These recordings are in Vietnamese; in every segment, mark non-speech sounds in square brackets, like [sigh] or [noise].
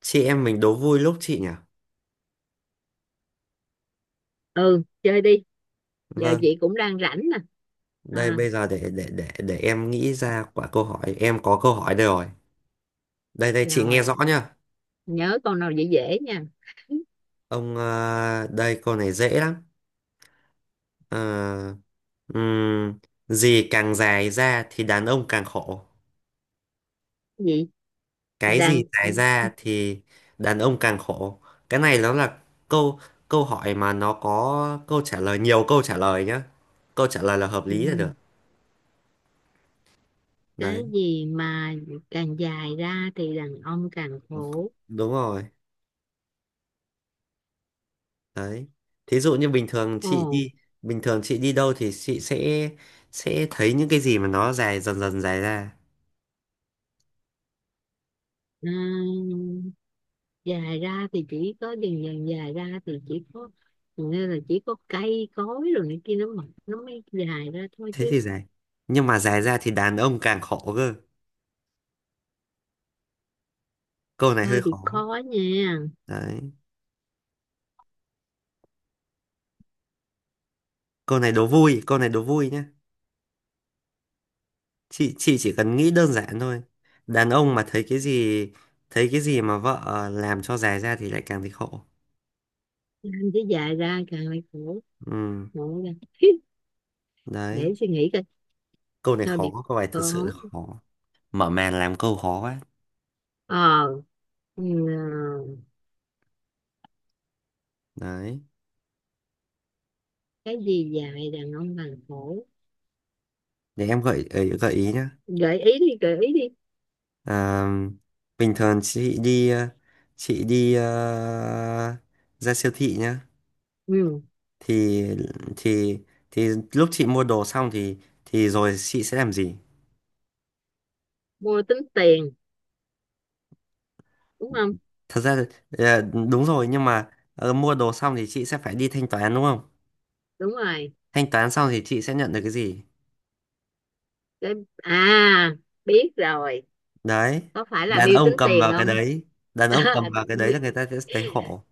Chị em mình đố vui lúc chị nhỉ? Ừ, chơi đi. Giờ Vâng. chị cũng đang rảnh nè. Đây À, bây giờ để em nghĩ ra quả câu hỏi. Em có câu hỏi đây rồi. Đây đây, chị nghe rồi. rõ nhá. Nhớ con nào dễ dễ nha. Đây câu này dễ lắm. Ờ, ừm, Gì càng dài ra thì đàn ông càng khổ? Gì. Cái Đàn. gì dài ra thì đàn ông càng khổ? Cái này nó là câu câu hỏi mà nó có câu trả lời, nhiều câu trả lời nhá. Câu trả lời là hợp lý là được. Ừ, cái Đấy, gì mà càng dài ra thì đàn ông càng khổ? đúng rồi. Đấy. Thí dụ như Ồ. Bình thường chị đi đâu thì chị sẽ thấy những cái gì mà nó dài dần dần dài ra. Ừ, dài ra thì chỉ có dần dần dài ra thì chỉ có, nên là chỉ có cây cối rồi này kia nó mọc nó mới dài ra thôi Thế chứ. thì dài. Nhưng mà dài ra thì đàn ông càng khổ cơ. Câu này hơi Thôi thì khó. khó nha. Đấy. Câu này đố vui, câu này đố vui nhá. Chị chỉ cần nghĩ đơn giản thôi. Đàn ông mà thấy cái gì, mà vợ làm cho dài ra thì lại càng thấy khổ. Anh chứ dài ra càng lại khổ. Ừ, Khổ ra. đấy. Để suy nghĩ coi. Câu này Thôi, bị khó, câu này thật sự khó. là khó. Mở màn làm câu khó quá. ờ Ừ, Đấy. cái gì dài đàn ông bằng cổ. Để em gợi ý nhá. Gợi ý đi, gợi ý đi. À, bình thường chị đi ra siêu thị nhá. Ừ. Thì thì thì lúc chị mua đồ xong thì rồi chị sẽ làm gì? Mua tính tiền đúng không? Thật ra ờ, đúng rồi nhưng mà mua đồ xong thì chị sẽ phải đi thanh toán đúng không? Đúng rồi. Thanh toán xong thì chị sẽ nhận được cái gì? Cái à Biết rồi. Đấy, Có phải là đàn bill tính ông cầm tiền vào cái không? đấy, [laughs] đàn ông cầm À, vào cái đấy là người ta sẽ thấy khổ.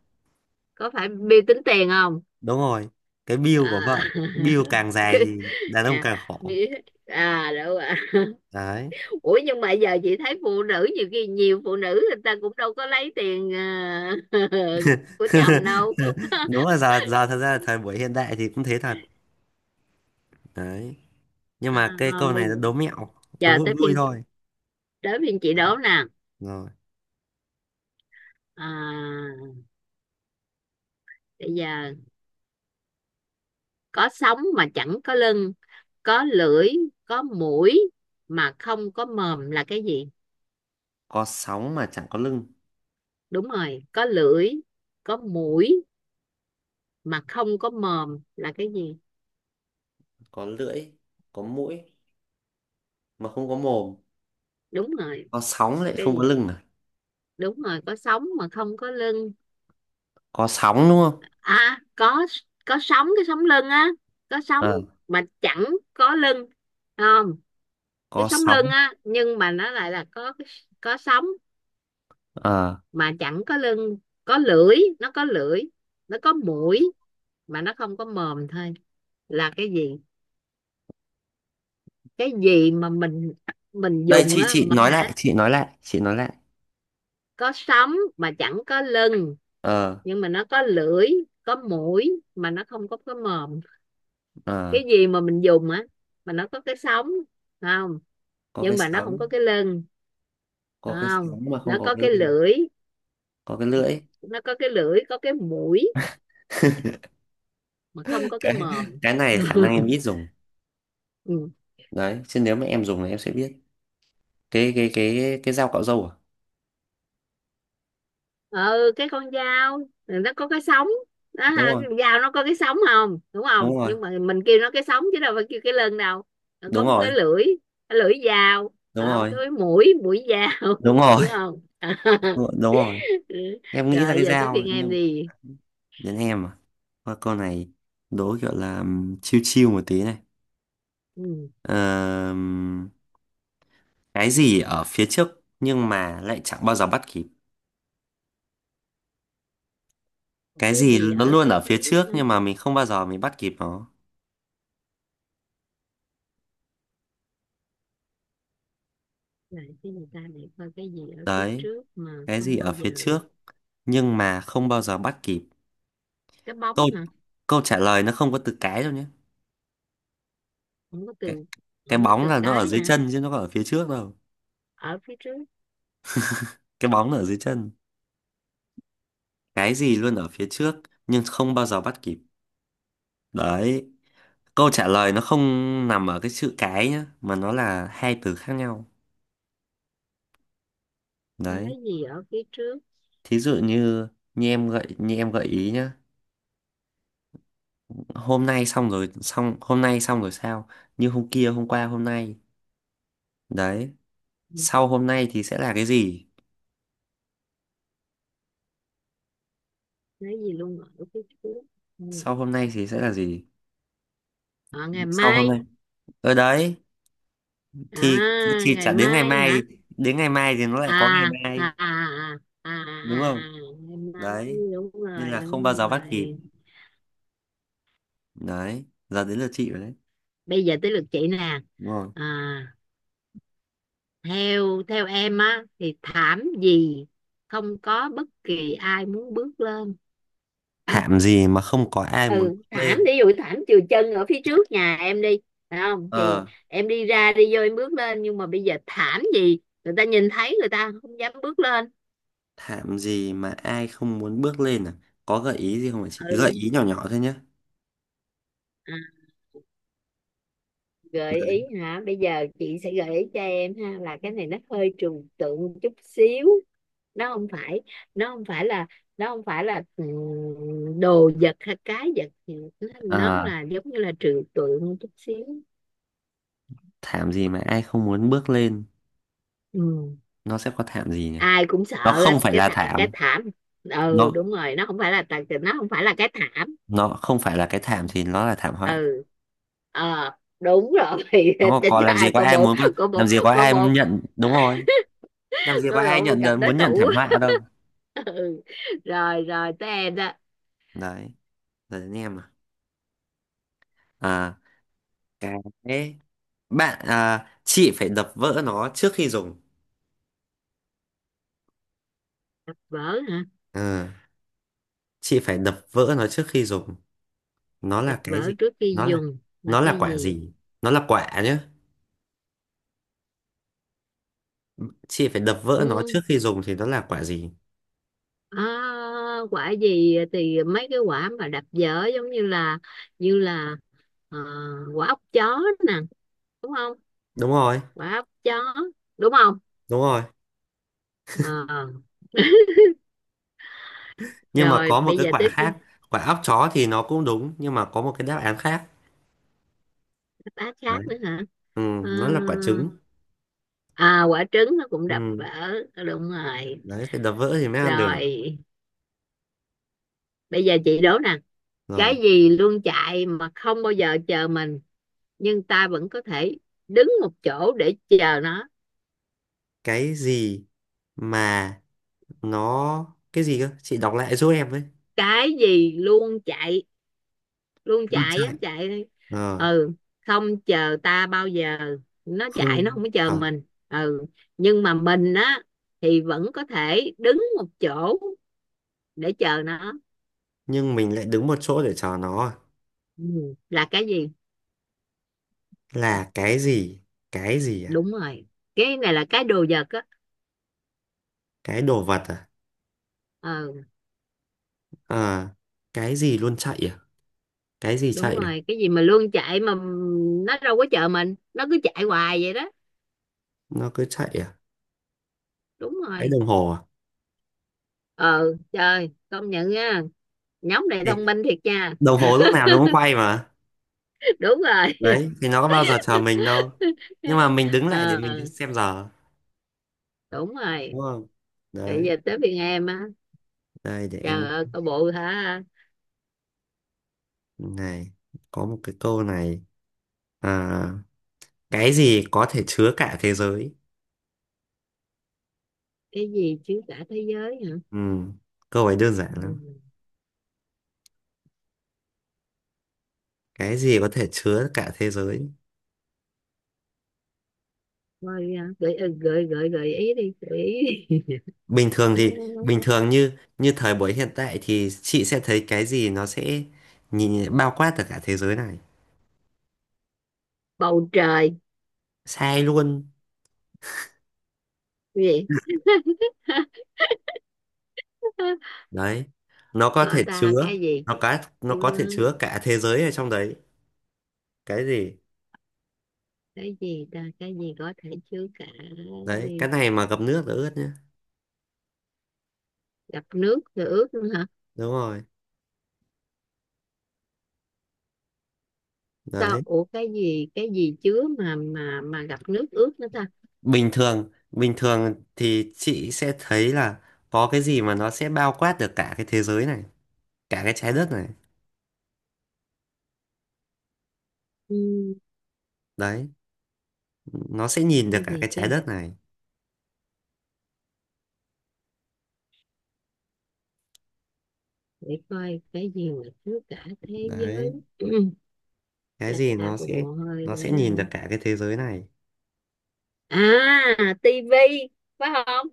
có phải bill tính tiền không? Đúng rồi, cái bill của À, vợ, bill [laughs] càng dài cái- thì đàn ông à, càng khổ. biết. À, đúng rồi. [laughs] Đấy. Ủa nhưng mà giờ chị thấy phụ nữ nhiều khi nhiều phụ nữ người ta cũng đâu có lấy tiền [laughs] của chồng đâu. [laughs] [laughs] Đúng là giờ giờ thật ra là thời buổi hiện đại thì cũng thế thật, đấy. Nhưng mà cái À, câu bây này nó đố mẹo, nó giờ vui tới vui phiên. thôi. Đố bên chị đố nè. Rồi. À, bây giờ có sống mà chẳng có lưng, có lưỡi, có mũi mà không có mồm là cái gì? Có sóng mà chẳng có lưng, Đúng rồi, có lưỡi, có mũi mà không có mồm là cái gì? có lưỡi, có mũi mà không có mồm. Đúng rồi. Có sóng lại Cái không có gì? lưng à? Đúng rồi, có sống mà không có lưng. Có sóng đúng không? À, có. Có sống, cái sống lưng á. Có sống Ờ, mà chẳng có lưng, không? Cái có sống lưng sóng. á nhưng mà nó lại là có. Có sống Ờ, mà chẳng có lưng. Có lưỡi Nó có lưỡi, nó có mũi mà nó không có mồm thôi. Là cái gì? Cái gì mà mình đây dùng chị á chị mà nói hả? lại chị nói lại chị nói lại. Có sống mà chẳng có lưng, Ờ. nhưng mà nó có lưỡi, có mũi mà nó không có cái mồm. Ờ. Cái gì mà mình dùng á, mà nó có cái sống, không? Có cái Nhưng mà nó không sóng. có cái lưng. Có cái Không, sóng mà không có cái lưng. Có cái lưỡi. nó có cái lưỡi, có cái mũi mà không có [laughs] cái cái mồm. cái này khả năng em [laughs] ít dùng. Ừ. Đấy chứ nếu mà em dùng thì em sẽ biết. Cái dao cạo râu à? Ừ, cái con dao, nó có cái sống đó Đúng ha, rồi. cái dao nó có cái sống không, đúng Đúng không? rồi. Nhưng mà mình kêu nó cái sống chứ đâu phải kêu cái lưng đâu. Nó có Đúng một cái rồi. lưỡi, cái lưỡi dao. Đúng À, rồi. cái mũi mũi dao. Đúng [laughs] rồi. Đúng không? [laughs] [laughs] Đúng rồi, em nghĩ ra Rồi, cái giờ tới dao phiên em nhưng. đi. Đến em à? Thôi câu này đố kiểu là chill chill một tí này. Ừ. Ờm, cái gì ở phía trước nhưng mà lại chẳng bao giờ bắt kịp? Cái Cái gì gì nó ở luôn phía ở phía trước trước á? nhưng mà mình không bao giờ mình bắt kịp nó? Là cái người ta này coi cái gì ở phía Đấy, trước mà cái gì không bao ở phía giờ. trước nhưng mà không bao giờ bắt kịp? Cái câu bóng hả? câu trả lời nó không có từ cái đâu nhé. Không có từ. Cái Không có bóng từ là nó ở cái dưới hả? chân chứ nó có ở phía trước đâu. Ở phía trước. Cái bóng nó ở dưới chân. Cái gì luôn ở phía trước nhưng không bao giờ bắt kịp? Đấy, câu trả lời nó không nằm ở cái chữ cái nhá, mà nó là hai từ khác nhau. Đấy, Cái gì ở phía trước? thí dụ như như em gợi ý nhá. Hôm nay xong rồi, xong hôm nay xong rồi sao? Như hôm kia, hôm qua, hôm nay. Đấy, Ừ. sau hôm nay thì sẽ là cái gì? Cái gì luôn ở phía trước? Ừ. Sau hôm nay thì sẽ là gì? À, ngày Sau hôm mai. nay ở đấy, thì À, thì ngày chả đến ngày mai mai. hả? Đến ngày mai thì nó à lại có ngày mai, à à à, à, à. đúng không? À, ngày mai. Đấy Đúng nên rồi, là không bao đúng giờ bắt rồi. kịp. Đấy, giờ đến lượt chị rồi đấy. Bây giờ tới lượt chị nè. Đúng rồi. À, theo theo em á thì thảm gì không có bất kỳ ai muốn bước lên? Ừ. Thảm gì mà không có ai muốn Ừ, bước thảm lên? ví dụ thảm chừa chân ở phía trước nhà em đi, phải không? Thì Ờ, em đi ra đi vô em bước lên nhưng mà bây giờ thảm gì người ta nhìn thấy người ta không dám bước lên. thảm gì mà ai không muốn bước lên à? Có gợi ý gì không hả chị? Gợi Ừ. ý nhỏ nhỏ thôi nhé. À, gợi ý hả? Bây giờ chị sẽ gợi ý cho em ha, là cái này nó hơi trừu tượng một chút xíu. Nó không phải nó không phải là nó không phải là đồ vật hay cái vật gì. Nó Ờ, là giống như là trừu tượng một chút xíu. thảm gì mà ai không muốn bước lên? Ừ. Nó sẽ có thảm gì nhỉ? Ai cũng Nó sợ. Á, không phải là cái thảm. thảm. Ừ nó đúng rồi, nó không phải là cái thảm. nó không phải là cái thảm thì nó là thảm họa. Ừ. ờ Đúng rồi. [laughs] Nó có Tính ra làm gì ai có cô ai bộ, muốn, cô làm bộ, gì có cô ai bộ. nhận, đúng rồi. [laughs] Làm gì Cô có ai bộ nhận gặp được đối muốn nhận thủ. thảm họa đâu. [laughs] Ừ. Rồi, rồi, tới em đó. Đấy. Đấy, anh em à. À, cái bạn à, chị phải đập vỡ nó trước khi dùng. Đập vỡ hả? Ờ, chị phải đập vỡ nó trước khi dùng. Nó Đập là cái vỡ gì? trước khi Nó là dùng là nó là cái quả gì? gì? Nó là quả nhá. Chị phải đập vỡ nó Ừ. trước khi dùng thì nó là quả gì? À, quả gì thì mấy cái quả mà đập vỡ giống như là, như là ờ, quả ốc chó nè, đúng không? Đúng rồi, Quả ốc chó đúng không? đúng rồi. Ờ, [laughs] Nhưng mà rồi có một bây cái giờ quả tiếp. khác, quả óc chó thì nó cũng đúng nhưng mà có một cái đáp án khác. Đáp Đấy. khác nữa hả? Ừ, Ờ, nó là quả trứng. à, quả trứng nó cũng đập vỡ. Ừ, Đúng rồi. đấy phải đập vỡ thì mới ăn được. Rồi bây giờ chị đố nè. Cái Rồi, gì luôn chạy mà không bao giờ chờ mình, nhưng ta vẫn có thể đứng một chỗ để chờ nó? cái gì mà nó cái gì cơ? Chị đọc lại giúp em với. Cái gì luôn chạy luôn Nó chạy á chạy chạy. ờ Ừ, không chờ ta bao giờ, nó chạy nó không không có chờ thật. mình. Ừ, nhưng mà mình á, thì vẫn có thể đứng một chỗ để chờ nó. Nhưng mình lại đứng một chỗ để chờ nó à. Ừ. Là cái gì? Là cái gì? Cái gì à? Đúng rồi. Cái này là cái đồ vật á. Cái đồ vật à? Ừ, ờ cái gì luôn chạy à? Cái gì đúng chạy à? rồi, cái gì mà luôn chạy mà nó đâu có chờ mình, nó cứ chạy hoài vậy đó. Nó cứ chạy à? Đúng Cái rồi. đồng hồ à? Ừ trời, công nhận nha, nhóm này Ê, thông minh thiệt nha. đồng hồ lúc nào nó cũng quay mà. [laughs] Đúng rồi. Đấy thì nó có bao giờ chờ mình đâu. Nhưng mà mình [laughs] đứng lại ờ để mình xem giờ, Đúng đúng rồi. không? Bây Đấy, giờ tới phiên em á. đây để em Trời ơi, có bộ hả? này, có một cái câu này. À, cái gì có thể chứa cả thế giới? Cái gì chứ cả thế giới hả? Ừ, câu ấy đơn giản Ừ. lắm. Cái gì có thể chứa cả thế giới? Thôi gợi ý đi, gợi ý đi. bình [laughs] thường À, thì Bình thường như như thời buổi hiện tại thì chị sẽ thấy cái gì nó sẽ nhìn bao quát được cả thế giới này. bầu trời, Sai luôn. cái gì? [laughs] Đấy, nó có Gọi thể ta chứa. cái gì? Nó Chưa, có thể chứa cả thế giới ở trong đấy. Cái gì? Cái gì có thể chứa cả Đấy, cái gì? này mà ngập nước là ướt nhá. Gặp nước rồi ướt nữa hả? Đúng rồi. Sao, Đấy. ủa cái gì chứa mà gặp nước ướt nữa ta? Bình thường thì chị sẽ thấy là có cái gì mà nó sẽ bao quát được cả cái thế giới này, cả cái trái đất này. Ừ, Đấy. Nó sẽ nhìn được cái cả gì cái chứ? trái đất này. Để coi cái gì mà chứa cả thế Đấy, giới. [clears throat] cái gì Ra nó cô sẽ bộ hơi để. nhìn được cả cái thế giới này. À, tivi phải không?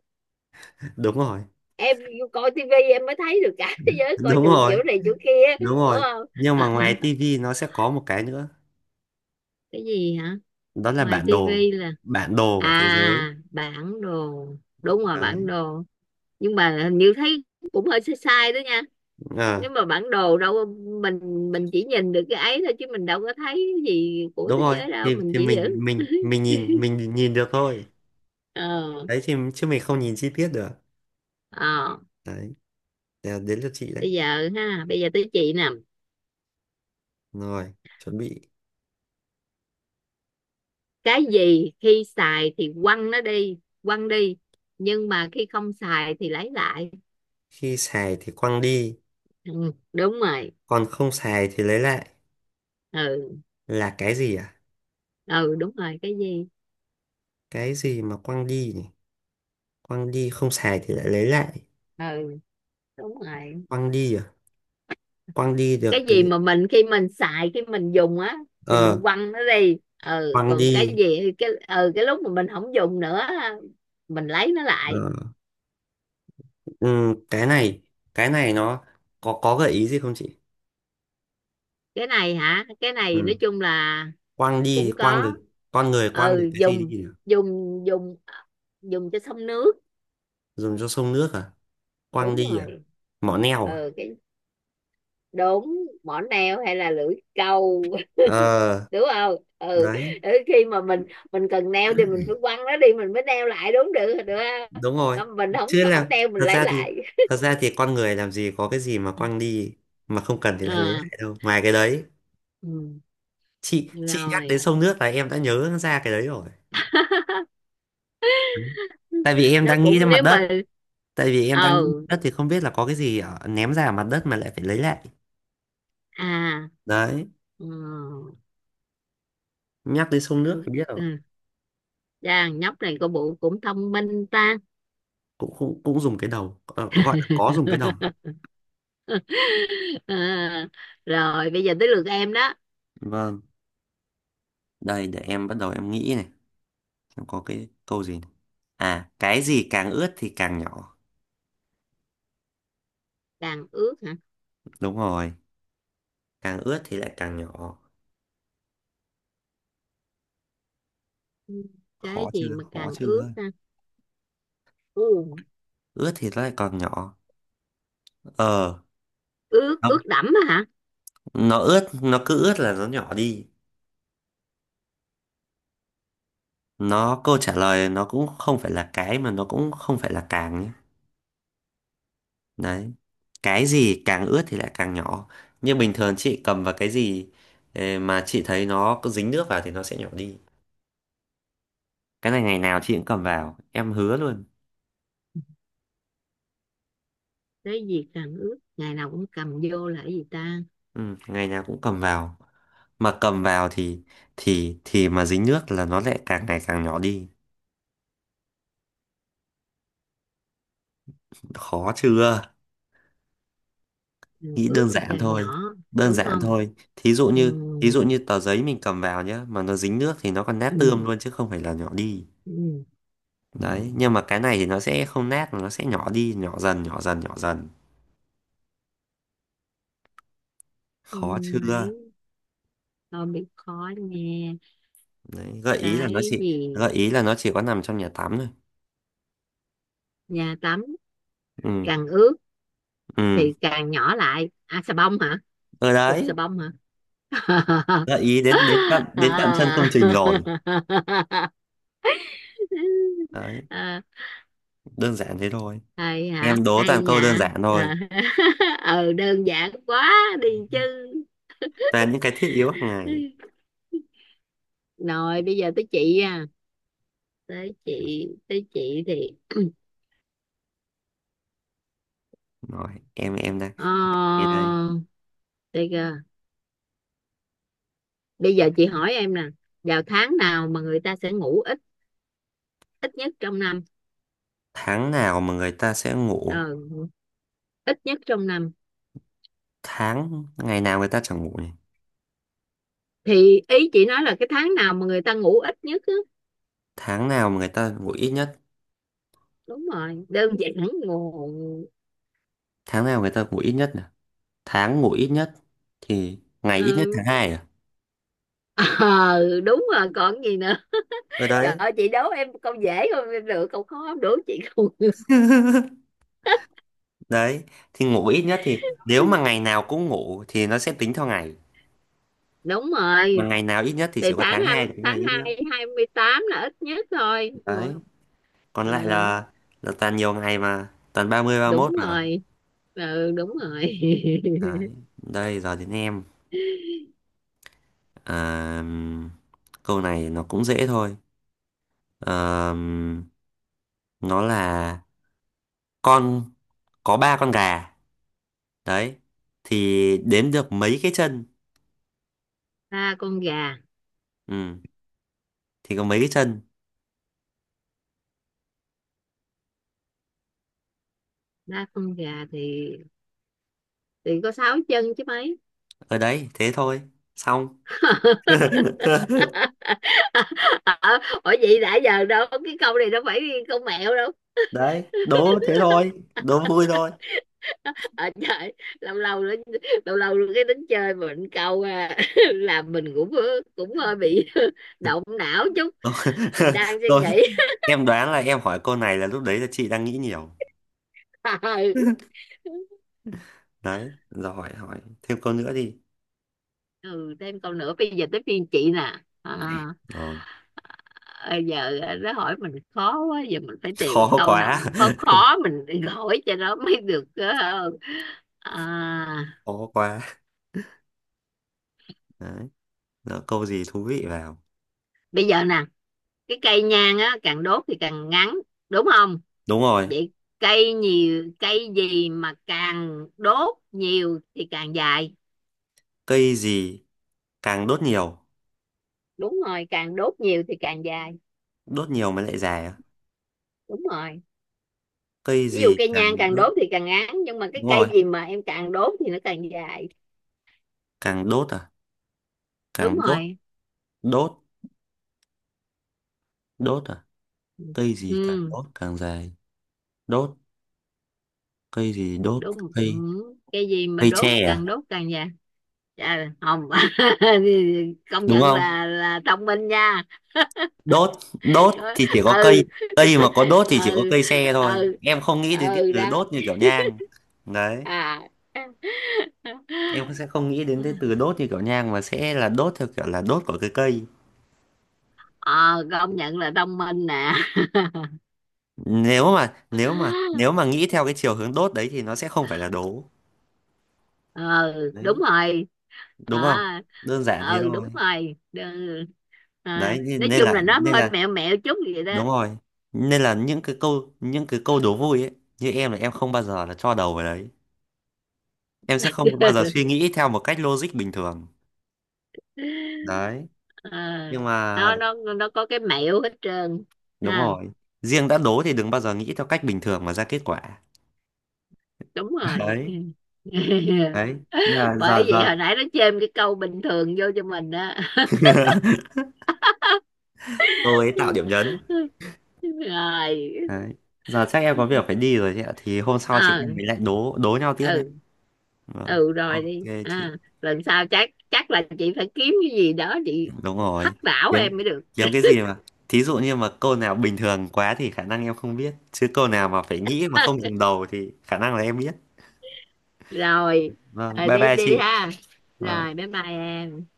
Đúng rồi. Em coi tivi em mới thấy được cả [laughs] thế [laughs] giới, coi Đúng được rồi, chỗ này chỗ kia đúng đúng rồi. không? Nhưng mà [laughs] ngoài tivi nó sẽ có một cái nữa, Cái gì hả? đó là Ngoài bản đồ, tivi là. bản đồ của thế giới. À, bản đồ. Đúng rồi, bản Đấy. đồ. Nhưng mà hình như thấy cũng hơi sai sai đó nha. Nếu ờ, mà bản đồ mình mình chỉ nhìn được cái ấy thôi, chứ mình đâu có thấy cái gì của Đúng thế rồi, giới đâu, mình thì chỉ giữ. Mình nhìn được thôi. ờ Đấy thì chứ mình không nhìn chi tiết được. ờ Đấy. Đấy, đến lượt chị đấy. Bây giờ tới chị nè. Rồi, chuẩn bị. Cái gì khi xài thì quăng nó đi, quăng đi, nhưng mà khi không xài thì lấy lại? Khi xài thì quăng đi, Ừ, đúng rồi. còn không xài thì lấy lại Ừ, là cái gì à? ừ, đúng rồi, cái gì? Cái gì mà quăng đi nhỉ? Quăng đi, không xài thì lại lấy lại. Ừ đúng rồi, Quăng đi à? Quăng đi được cái cái. gì mà mình khi mình dùng á thì ờ mình quăng nó đi. Ừ Quăng còn đi. cái gì, cái lúc mà mình không dùng nữa á, mình lấy nó lại. ờ, ừ, cái này, nó có gợi ý gì không chị? Cái này hả? Cái này Ừ. nói chung là Quăng đi cũng quăng có. được. Con người quăng được Ừ, cái gì đi dùng nhỉ? dùng dùng à, dùng cho xong nước. Dùng cho sông nước à? Quăng Đúng đi à? rồi. Mỏ neo à? Ừ, đúng, mỏ neo hay là lưỡi câu. Ờ. [laughs] Đúng không? Ừ. Đấy, Ừ, khi mà mình cần neo thì mình phải quăng nó đi mình mới neo lại đúng, được được, không? đúng rồi. Ờ, mình không Chứ không là neo mình thật lấy ra thì lại. Con người làm gì có cái gì mà quăng đi mà không cần thì lại lấy À, lại đâu ngoài cái đấy. ừ, Chị nhắc đến rồi. sông nước là em đã nhớ ra cái đấy rồi. [laughs] Đấy. Tại vì em Nó đang cũng nghĩ ra mặt nếu đất. mà. Tại vì em đang ờ nghĩ đất thì không biết là có cái gì ở, ném ra ở mặt đất mà lại phải lấy lại. à Đấy, ừ, nhắc đến sông nước ừ, thì biết rồi. ừ. Dạ, nhóc này có bộ cũng thông minh ta. Cũng cũng Cũng dùng cái đầu, gọi là có dùng cái đầu. [laughs] À, rồi bây giờ tới lượt em đó. Vâng, đây để em bắt đầu, em nghĩ này, em có cái câu gì này. À, cái gì càng ướt thì càng nhỏ? Đàn ước. Đúng rồi. Càng ướt thì lại càng nhỏ. Ừ. Cái Khó gì chưa, mà khó càng ướt chưa? ha? Ừ. Ướt thì nó lại còn nhỏ. Ờ, Ướt nó, ướt đẫm á hả? nó ướt, nó cứ ướt là nó nhỏ đi. Nó câu trả lời nó cũng không phải là cái, mà nó cũng không phải là càng nhé. Đấy. Cái gì càng ướt thì lại càng nhỏ. Nhưng bình thường chị cầm vào cái gì mà chị thấy nó có dính nước vào thì nó sẽ nhỏ đi. Cái này ngày nào chị cũng cầm vào, em hứa luôn. Cái gì càng ướt ngày nào cũng cầm vô là cái gì ta? Ừ, ngày nào cũng cầm vào. Mà cầm vào thì mà dính nước là nó lại càng ngày càng nhỏ đi. Khó chưa? Càng Nghĩ ướt đơn thì giản càng thôi. nhỏ, Đơn đúng giản không? thôi. Ừ. Thí dụ như tờ giấy mình cầm vào nhá, mà nó dính nước thì nó còn nát Ừ. tươm luôn chứ không phải là nhỏ đi. Ừ. Đấy, nhưng mà cái này thì nó sẽ không nát, nó sẽ nhỏ đi, nhỏ dần, nhỏ dần, nhỏ dần. Khó Không chưa? ấy, không biết, khó nghe. Đấy, Cái gì? gợi ý là nó chỉ có nằm trong nhà tắm thôi. Nhà tắm? Ừ, Càng ướt ừ. thì càng nhỏ lại, à, xà bông hả? Ở Cục đấy, xà bông hả? [laughs] gợi ý đến đến tận tận chân công trình rồi. À. Đấy, [laughs] À, đơn giản thế thôi. hay hả? Em đố Hay toàn câu đơn nha. giản Ờ. thôi, [laughs] Ừ, đơn giản quá đi chứ. toàn những cái thiết yếu hàng ngày. Rồi bây giờ tới chị à. Tới chị thì Rồi, em đây, ờ em đây. đây kìa. Bây giờ chị hỏi em nè, vào tháng nào mà người ta sẽ ngủ ít ít nhất trong năm? Tháng nào mà người ta sẽ Ờ, ngủ? ít nhất trong năm. Tháng ngày nào người ta chẳng ngủ nhỉ? Thì ý chị nói là cái tháng nào mà người ta ngủ ít nhất á. Tháng nào mà người ta ngủ ít nhất? Đúng rồi, đơn giản, ngủ. Tháng nào người ta ngủ ít nhất nhỉ? Tháng ngủ ít nhất thì ngày ít nhất Ừ. tháng 2 à? [laughs] Ờ, đúng rồi, còn gì nữa. Ở Trời đấy. ơi, chị đố em câu dễ không, em được câu khó em đố chị không. [laughs] Đấy thì ngủ ít nhất thì nếu mà [laughs] ngày nào cũng ngủ thì nó sẽ tính theo ngày, Đúng mà rồi. ngày nào ít nhất thì Thì chỉ có tháng tháng hai 2 là cái tháng ngày ít nhất. hai 28 là ít nhất thôi. Nhưng Đấy, còn mà, lại là toàn nhiều ngày mà toàn 30, 31 đúng mà. rồi. Ừ, đúng rồi. Đấy, [laughs] đây giờ đến em à. Câu này nó cũng dễ thôi. À, nó là con có ba con gà, đấy thì đếm được mấy cái chân? Ba con gà. Ừ, thì có mấy cái chân? Ba con gà thì có sáu chân chứ mấy. Ở đấy, thế thôi, xong. [laughs] [laughs] Ờ, ủa vậy đã giờ đâu, cái câu này đâu phải câu mẹo đâu. Đấy đố thế thôi, đố vui thôi. Ở trời, lâu lâu nữa lâu lâu nữa cái tính chơi mình câu [laughs] làm mình cũng cũng hơi bị [laughs] động não chút, Đố- mình [laughs] đang suy rồi, nghĩ. em đoán là em hỏi câu này là lúc đấy là chị đang nghĩ nhiều. [laughs] Đấy, rồi hỏi hỏi thêm câu nữa đi. Ừ, thêm câu nữa. Bây giờ tới phiên chị nè. À, Ờ, bây giờ nó hỏi mình khó quá, giờ mình phải tìm cái khó câu nào quá. mình khó [laughs] khó mình [laughs] hỏi cho nó mới được ờ. À, Khó quá. Đấy. Lỡ câu gì thú vị vào. bây giờ nè, cái cây nhang á càng đốt thì càng ngắn, đúng không? Đúng rồi. Vậy cây gì mà càng đốt nhiều thì càng dài? Cây gì càng đốt nhiều? Đúng rồi, càng đốt nhiều thì càng dài. Đốt nhiều mới lại dài à? Đúng rồi, Cây ví dụ gì cây càng nhang càng đốt? đốt thì càng ngắn nhưng mà cái Đúng rồi. cây gì mà em càng đốt thì nó càng dài? Càng đốt à? Đúng Càng đốt. rồi. Đốt. Đốt à? Cây gì càng Ừ, đốt càng dài? Đốt. Cây gì đốt? đúng. Ừ. cây Cây gì mà cây đốt, tre à? càng đốt càng dài? Trời, không, [laughs] công Đúng nhận không? là thông minh nha. Đốt đốt thì chỉ có cây, Ừ. cây mà có [laughs] đốt thì chỉ có Ừ, cây tre thôi, ừ. em không nghĩ đến cái Ừ từ đó. đốt như kiểu nhang. Đấy, À. em sẽ không nghĩ đến cái [laughs] từ đốt như kiểu nhang mà sẽ là đốt theo kiểu là đốt của cái cây. Ờ, công nhận là thông minh nè. Nếu [laughs] mà nghĩ theo cái chiều hướng đốt đấy thì nó sẽ không phải là đố. ờ Đúng Đấy, rồi. đúng không? À, Đơn giản thế ừ, đúng thôi. rồi. À, Đấy, nên nói chung là nó nên hơi là mẹo mẹo chút vậy đó. đúng rồi, nên là những cái câu, đố vui ấy, như em là em không bao giờ là cho đầu vào đấy, em sẽ không bao giờ suy [laughs] nghĩ theo một cách logic bình thường. Đấy Ờ, nhưng mà nó có cái mẹo hết trơn đúng ha. rồi, riêng đã đố thì đừng bao giờ nghĩ theo cách bình thường mà ra kết quả. Đúng rồi. Đấy. [laughs] Đấy, nên là Bởi giờ vậy giờ hồi nãy nó chêm cái câu bình thường vô cho mình đó. [laughs] cô ấy tạo điểm nhấn. [laughs] Rồi. Đấy, giờ chắc em có việc phải đi rồi chị ạ, thì hôm sau chị Ờ. em mình lại đố đố nhau tiếp đấy. Ừ. Vâng, Ừ rồi, ok đi chị. à, lần sau chắc chắc là chị phải kiếm cái gì đó chị Đúng rồi. hắc đảo Kiếm em mới được. Kiếm cái gì mà thí dụ như mà câu nào bình thường quá thì khả năng em không biết, chứ câu nào mà phải nghĩ mà không [laughs] dùng đầu thì khả năng là em biết. Rồi. Vâng, Ờ, bye đi bye đi chị. ha. Vâng. Rồi bye bye em.